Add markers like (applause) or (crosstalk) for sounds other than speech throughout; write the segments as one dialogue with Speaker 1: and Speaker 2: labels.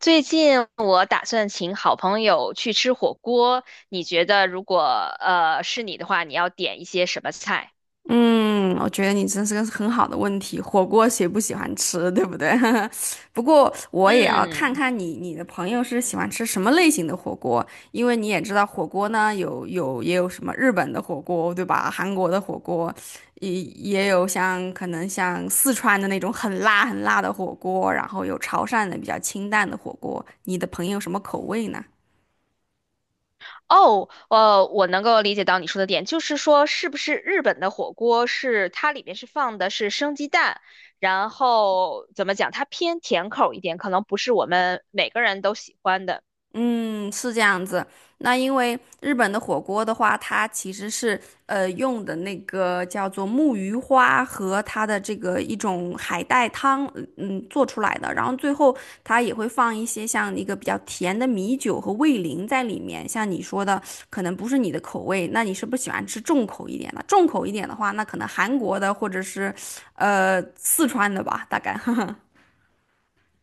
Speaker 1: 最近我打算请好朋友去吃火锅，你觉得如果是你的话，你要点一些什么菜？
Speaker 2: 嗯，我觉得你真是个很好的问题。火锅谁不喜欢吃，对不对？(laughs) 不过我也要看
Speaker 1: 嗯。
Speaker 2: 看你的朋友是喜欢吃什么类型的火锅，因为你也知道火锅呢也有什么日本的火锅，对吧？韩国的火锅，也有像可能像四川的那种很辣很辣的火锅，然后有潮汕的比较清淡的火锅。你的朋友什么口味呢？
Speaker 1: 我能够理解到你说的点，就是说是不是日本的火锅是它里面是放的是生鸡蛋，然后怎么讲，它偏甜口一点，可能不是我们每个人都喜欢的。
Speaker 2: 嗯，是这样子。那因为日本的火锅的话，它其实是用的那个叫做木鱼花和它的这个一种海带汤，做出来的。然后最后它也会放一些像一个比较甜的米酒和味淋在里面。像你说的，可能不是你的口味，那你是不是喜欢吃重口一点的？重口一点的话，那可能韩国的或者是四川的吧，大概。(laughs)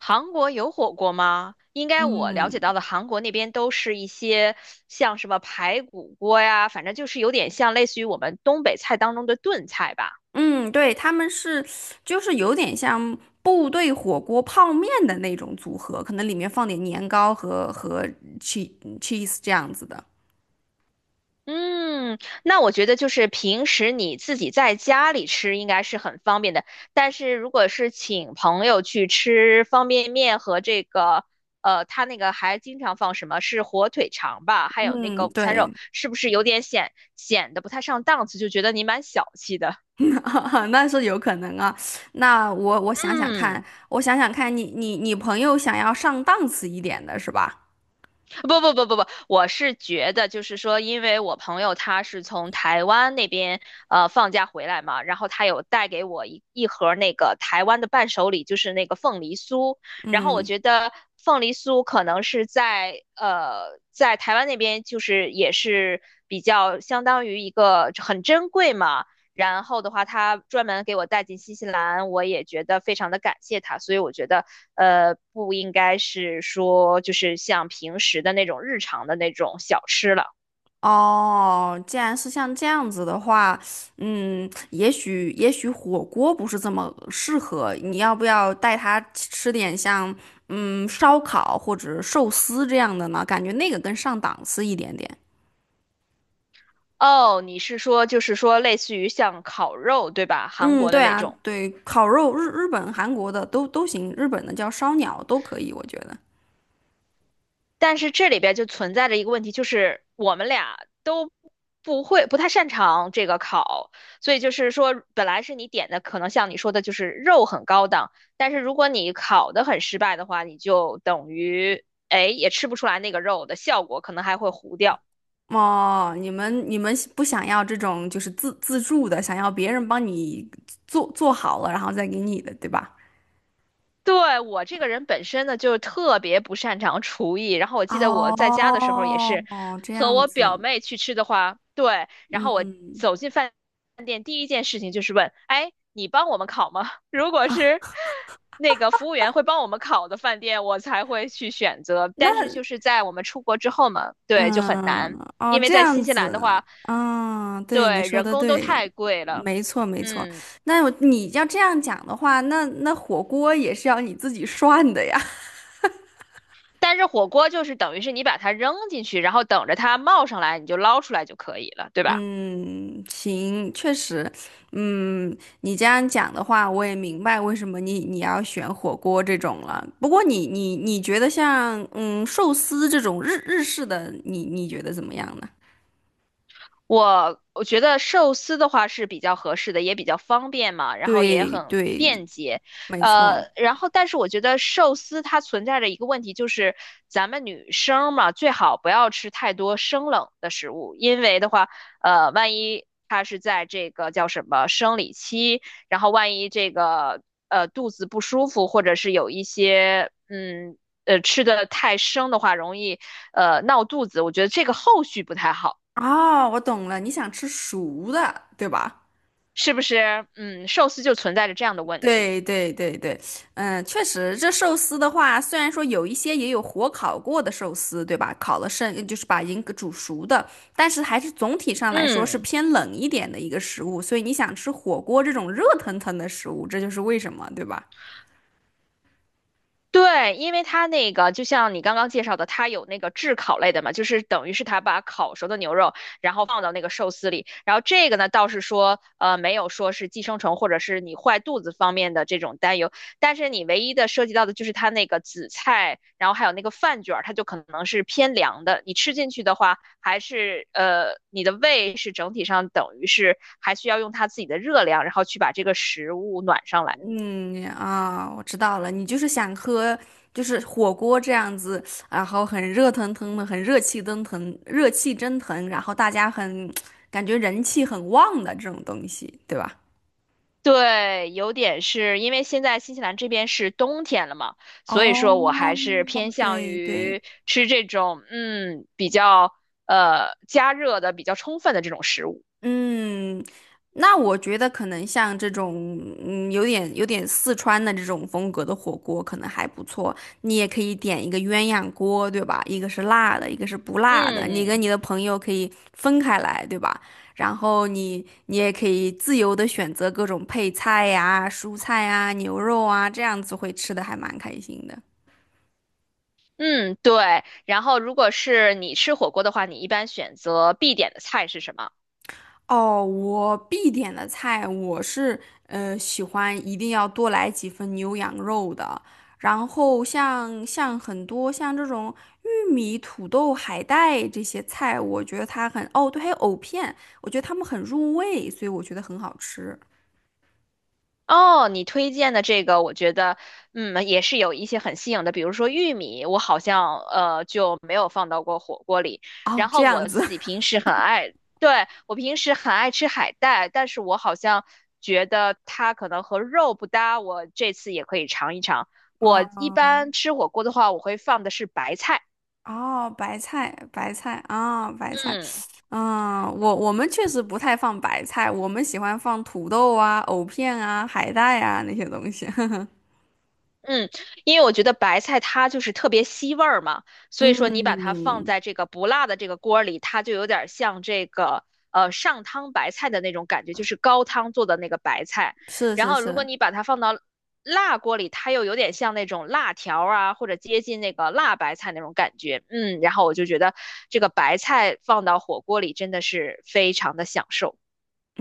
Speaker 1: 韩国有火锅吗？应该我了解到的韩国那边都是一些像什么排骨锅呀，反正就是有点像类似于我们东北菜当中的炖菜吧。
Speaker 2: 嗯，对，他们是，就是有点像部队火锅泡面的那种组合，可能里面放点年糕和 cheese cheese 这样子的。
Speaker 1: 嗯。那我觉得就是平时你自己在家里吃应该是很方便的，但是如果是请朋友去吃方便面和这个，他那个还经常放什么是火腿肠吧，还有那个
Speaker 2: 嗯，
Speaker 1: 午餐肉，
Speaker 2: 对，
Speaker 1: 是不是有点显得不太上档次，就觉得你蛮小气的？
Speaker 2: (laughs) 那是有可能啊。那我想想看，
Speaker 1: 嗯。
Speaker 2: 我想想看你朋友想要上档次一点的是吧？
Speaker 1: 不，我是觉得就是说，因为我朋友他是从台湾那边放假回来嘛，然后他有带给我一盒那个台湾的伴手礼，就是那个凤梨酥。然后我
Speaker 2: 嗯。
Speaker 1: 觉得凤梨酥可能是在台湾那边就是也是比较相当于一个很珍贵嘛，然后的话，他专门给我带进新西兰，我也觉得非常的感谢他。所以我觉得，不应该是说就是像平时的那种日常的那种小吃了。
Speaker 2: 哦，既然是像这样子的话，也许火锅不是这么适合，你要不要带他吃点像烧烤或者寿司这样的呢？感觉那个更上档次一点点。
Speaker 1: 哦，你是说就是说类似于像烤肉，对吧？韩
Speaker 2: 嗯，
Speaker 1: 国的
Speaker 2: 对
Speaker 1: 那
Speaker 2: 啊，
Speaker 1: 种。
Speaker 2: 对，烤肉日本、韩国的都行，日本的叫烧鸟都可以，我觉得。
Speaker 1: 但是这里边就存在着一个问题，就是我们俩都不会，不太擅长这个烤，所以就是说，本来是你点的，可能像你说的，就是肉很高档，但是如果你烤的很失败的话，你就等于，哎，也吃不出来那个肉的效果，可能还会糊掉。
Speaker 2: 哦，你们不想要这种就是自助的，想要别人帮你做好了，然后再给你的，对吧？
Speaker 1: 对，我这个人本身呢，就特别不擅长厨艺。然后我记得我在家的
Speaker 2: 哦，
Speaker 1: 时候也是，
Speaker 2: 哦这
Speaker 1: 和
Speaker 2: 样
Speaker 1: 我表
Speaker 2: 子，
Speaker 1: 妹去吃的话，对，然后我
Speaker 2: 嗯
Speaker 1: 走进饭店，第一件事情就是问，哎，你帮我们烤吗？(laughs) 如果是那个服务员会帮我们烤的饭店，我才会去选择。但是就是在我们出国之后嘛，对，就很
Speaker 2: 嗯，
Speaker 1: 难，
Speaker 2: 哦，
Speaker 1: 因为
Speaker 2: 这
Speaker 1: 在
Speaker 2: 样
Speaker 1: 新西兰的
Speaker 2: 子，
Speaker 1: 话，
Speaker 2: 嗯，对，你
Speaker 1: 对，
Speaker 2: 说
Speaker 1: 人
Speaker 2: 的
Speaker 1: 工都
Speaker 2: 对，
Speaker 1: 太贵了，
Speaker 2: 没错。
Speaker 1: 嗯。
Speaker 2: 那我你要这样讲的话，那火锅也是要你自己涮的呀。
Speaker 1: 但是火锅就是等于是你把它扔进去，然后等着它冒上来，你就捞出来就可以了，对吧？
Speaker 2: 嗯，行，确实，嗯，你这样讲的话，我也明白为什么你要选火锅这种了。不过你觉得像寿司这种日式的，你觉得怎么样呢？
Speaker 1: 我觉得寿司的话是比较合适的，也比较方便嘛，然后也
Speaker 2: 对
Speaker 1: 很
Speaker 2: 对，
Speaker 1: 便捷。
Speaker 2: 没错。
Speaker 1: 然后但是我觉得寿司它存在着一个问题，就是咱们女生嘛，最好不要吃太多生冷的食物，因为的话，万一她是在这个叫什么生理期，然后万一这个肚子不舒服，或者是有一些吃的太生的话，容易闹肚子，我觉得这个后续不太好。
Speaker 2: 哦，我懂了，你想吃熟的，对吧？
Speaker 1: 是不是？嗯，寿司就存在着这样的问题。
Speaker 2: 对对对对，嗯，确实，这寿司的话，虽然说有一些也有火烤过的寿司，对吧？烤了剩就是把已经煮熟的，但是还是总体上来说是
Speaker 1: 嗯。
Speaker 2: 偏冷一点的一个食物，所以你想吃火锅这种热腾腾的食物，这就是为什么，对吧？
Speaker 1: 对，因为它那个就像你刚刚介绍的，它有那个炙烤类的嘛，就是等于是它把烤熟的牛肉，然后放到那个寿司里。然后这个呢，倒是说，没有说是寄生虫或者是你坏肚子方面的这种担忧。但是你唯一的涉及到的就是它那个紫菜，然后还有那个饭卷儿，它就可能是偏凉的。你吃进去的话，还是你的胃是整体上等于是还需要用它自己的热量，然后去把这个食物暖上来。
Speaker 2: 嗯啊，我知道了，你就是想喝就是火锅这样子，然后很热腾腾的，很热气腾腾，热气蒸腾，然后大家很感觉人气很旺的这种东西，对吧？
Speaker 1: 对，有点是因为现在新西兰这边是冬天了嘛，所以说我
Speaker 2: 哦，
Speaker 1: 还是偏向
Speaker 2: 对对，
Speaker 1: 于吃这种嗯比较加热的比较充分的这种食物。
Speaker 2: 嗯，那我觉得可能像这种，有点四川的这种风格的火锅可能还不错。你也可以点一个鸳鸯锅，对吧？一个是辣的，一个是不辣的。你跟
Speaker 1: 嗯
Speaker 2: 你的朋友可以分开来，对吧？然后你也可以自由的选择各种配菜呀、蔬菜呀、牛肉啊，这样子会吃的还蛮开心的。
Speaker 1: 嗯，对。然后如果是你吃火锅的话，你一般选择必点的菜是什么？
Speaker 2: 哦，我必点的菜，我是喜欢一定要多来几份牛羊肉的。然后像很多像这种玉米、土豆、海带这些菜，我觉得它很，哦，对，还有藕片，我觉得它们很入味，所以我觉得很好吃。
Speaker 1: 哦，你推荐的这个，我觉得，嗯，也是有一些很新颖的，比如说玉米，我好像就没有放到过火锅里。
Speaker 2: 哦，
Speaker 1: 然
Speaker 2: 这
Speaker 1: 后
Speaker 2: 样
Speaker 1: 我
Speaker 2: 子。
Speaker 1: 自己平
Speaker 2: (laughs)
Speaker 1: 时很爱，对，我平时很爱吃海带，但是我好像觉得它可能和肉不搭，我这次也可以尝一尝。我
Speaker 2: 啊
Speaker 1: 一般吃火锅的话，我会放的是白菜，
Speaker 2: 哦，白菜，白菜啊，白菜，
Speaker 1: 嗯。
Speaker 2: 嗯，我们确实不太放白菜，我们喜欢放土豆啊、藕片啊、海带啊那些东西。(laughs)
Speaker 1: 嗯，因为我觉得白菜它就是特别吸味儿嘛，所以说你把它放
Speaker 2: 嗯，
Speaker 1: 在这个不辣的这个锅里，它就有点儿像这个上汤白菜的那种感觉，就是高汤做的那个白菜。
Speaker 2: 是
Speaker 1: 然
Speaker 2: 是
Speaker 1: 后如果
Speaker 2: 是，
Speaker 1: 你把它放到辣锅里，它又有点像那种辣条儿啊，或者接近那个辣白菜那种感觉。嗯，然后我就觉得这个白菜放到火锅里真的是非常的享受。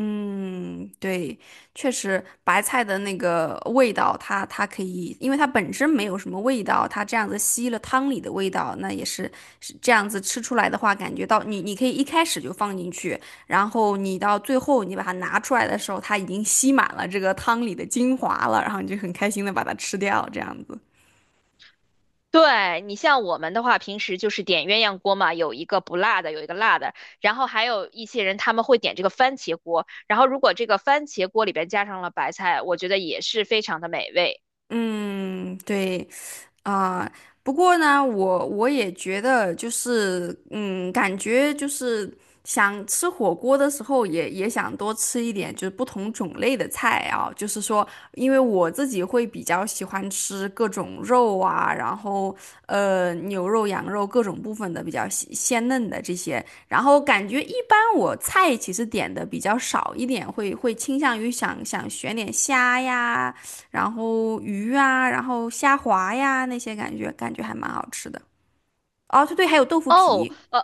Speaker 2: 嗯，对，确实，白菜的那个味道它，它可以，因为它本身没有什么味道，它这样子吸了汤里的味道，那也是是这样子吃出来的话，感觉到你可以一开始就放进去，然后你到最后你把它拿出来的时候，它已经吸满了这个汤里的精华了，然后你就很开心的把它吃掉，这样子。
Speaker 1: 对，你像我们的话，平时就是点鸳鸯锅嘛，有一个不辣的，有一个辣的，然后还有一些人他们会点这个番茄锅，然后如果这个番茄锅里边加上了白菜，我觉得也是非常的美味。
Speaker 2: 嗯，对，啊，不过呢，我也觉得就是，嗯，感觉就是想吃火锅的时候也，也想多吃一点，就是不同种类的菜啊。就是说，因为我自己会比较喜欢吃各种肉啊，然后牛肉、羊肉各种部分的比较鲜嫩的这些。然后感觉一般，我菜其实点的比较少一点，会倾向于想选点虾呀。然后鱼啊，然后虾滑呀那些感觉，感觉还蛮好吃的。哦，对对，还有豆腐
Speaker 1: 哦，
Speaker 2: 皮，
Speaker 1: 呃，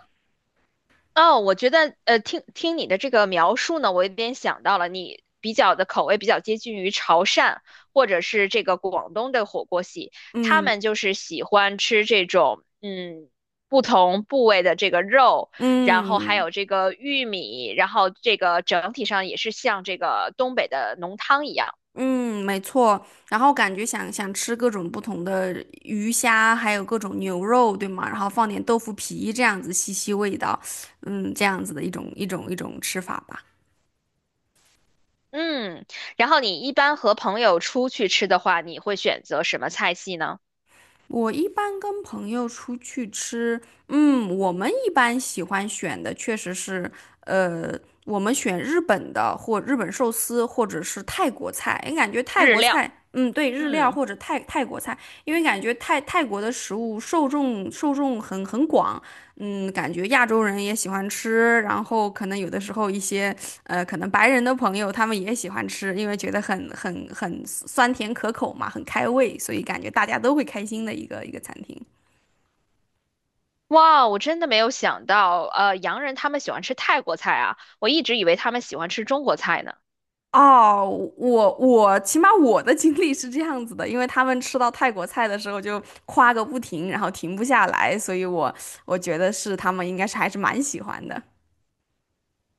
Speaker 1: 哦，我觉得听听你的这个描述呢，我有点想到了，你比较的口味比较接近于潮汕或者是这个广东的火锅系，他
Speaker 2: 嗯
Speaker 1: 们就是喜欢吃这种嗯不同部位的这个肉，然后还
Speaker 2: 嗯
Speaker 1: 有这个玉米，然后这个整体上也是像这个东北的浓汤一样。
Speaker 2: 嗯，没错。然后感觉想吃各种不同的鱼虾，还有各种牛肉，对吗？然后放点豆腐皮，这样子吸吸味道，嗯，这样子的一种吃法吧。
Speaker 1: 嗯，然后你一般和朋友出去吃的话，你会选择什么菜系呢？
Speaker 2: 我一般跟朋友出去吃，嗯，我们一般喜欢选的确实是，呃，我们选日本的或日本寿司，或者是泰国菜，因为感觉泰
Speaker 1: 日
Speaker 2: 国
Speaker 1: 料。
Speaker 2: 菜，嗯，对，日料
Speaker 1: 嗯。
Speaker 2: 或者泰国菜，因为感觉泰国的食物受众很广，嗯，感觉亚洲人也喜欢吃，然后可能有的时候一些可能白人的朋友他们也喜欢吃，因为觉得很酸甜可口嘛，很开胃，所以感觉大家都会开心的一个餐厅。
Speaker 1: 哇，我真的没有想到，洋人他们喜欢吃泰国菜啊，我一直以为他们喜欢吃中国菜呢。
Speaker 2: 哦，我起码我的经历是这样子的，因为他们吃到泰国菜的时候就夸个不停，然后停不下来，所以我觉得是他们应该是还是蛮喜欢的。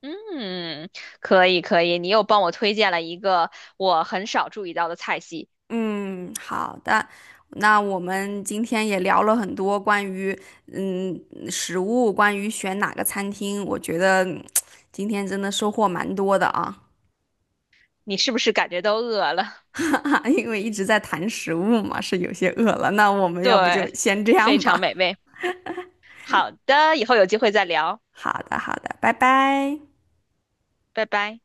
Speaker 1: 嗯，可以可以，你又帮我推荐了一个我很少注意到的菜系，
Speaker 2: 嗯，好的。那我们今天也聊了很多关于嗯食物，关于选哪个餐厅，我觉得今天真的收获蛮多的啊，
Speaker 1: 你是不是感觉都饿了？
Speaker 2: (laughs) 因为一直在谈食物嘛，是有些饿了。那我
Speaker 1: (laughs)
Speaker 2: 们要不就
Speaker 1: 对，
Speaker 2: 先这
Speaker 1: 非
Speaker 2: 样
Speaker 1: 常
Speaker 2: 吧。
Speaker 1: 美味。好的，以后有机会再聊，
Speaker 2: 好的，好的，拜拜。
Speaker 1: 拜拜。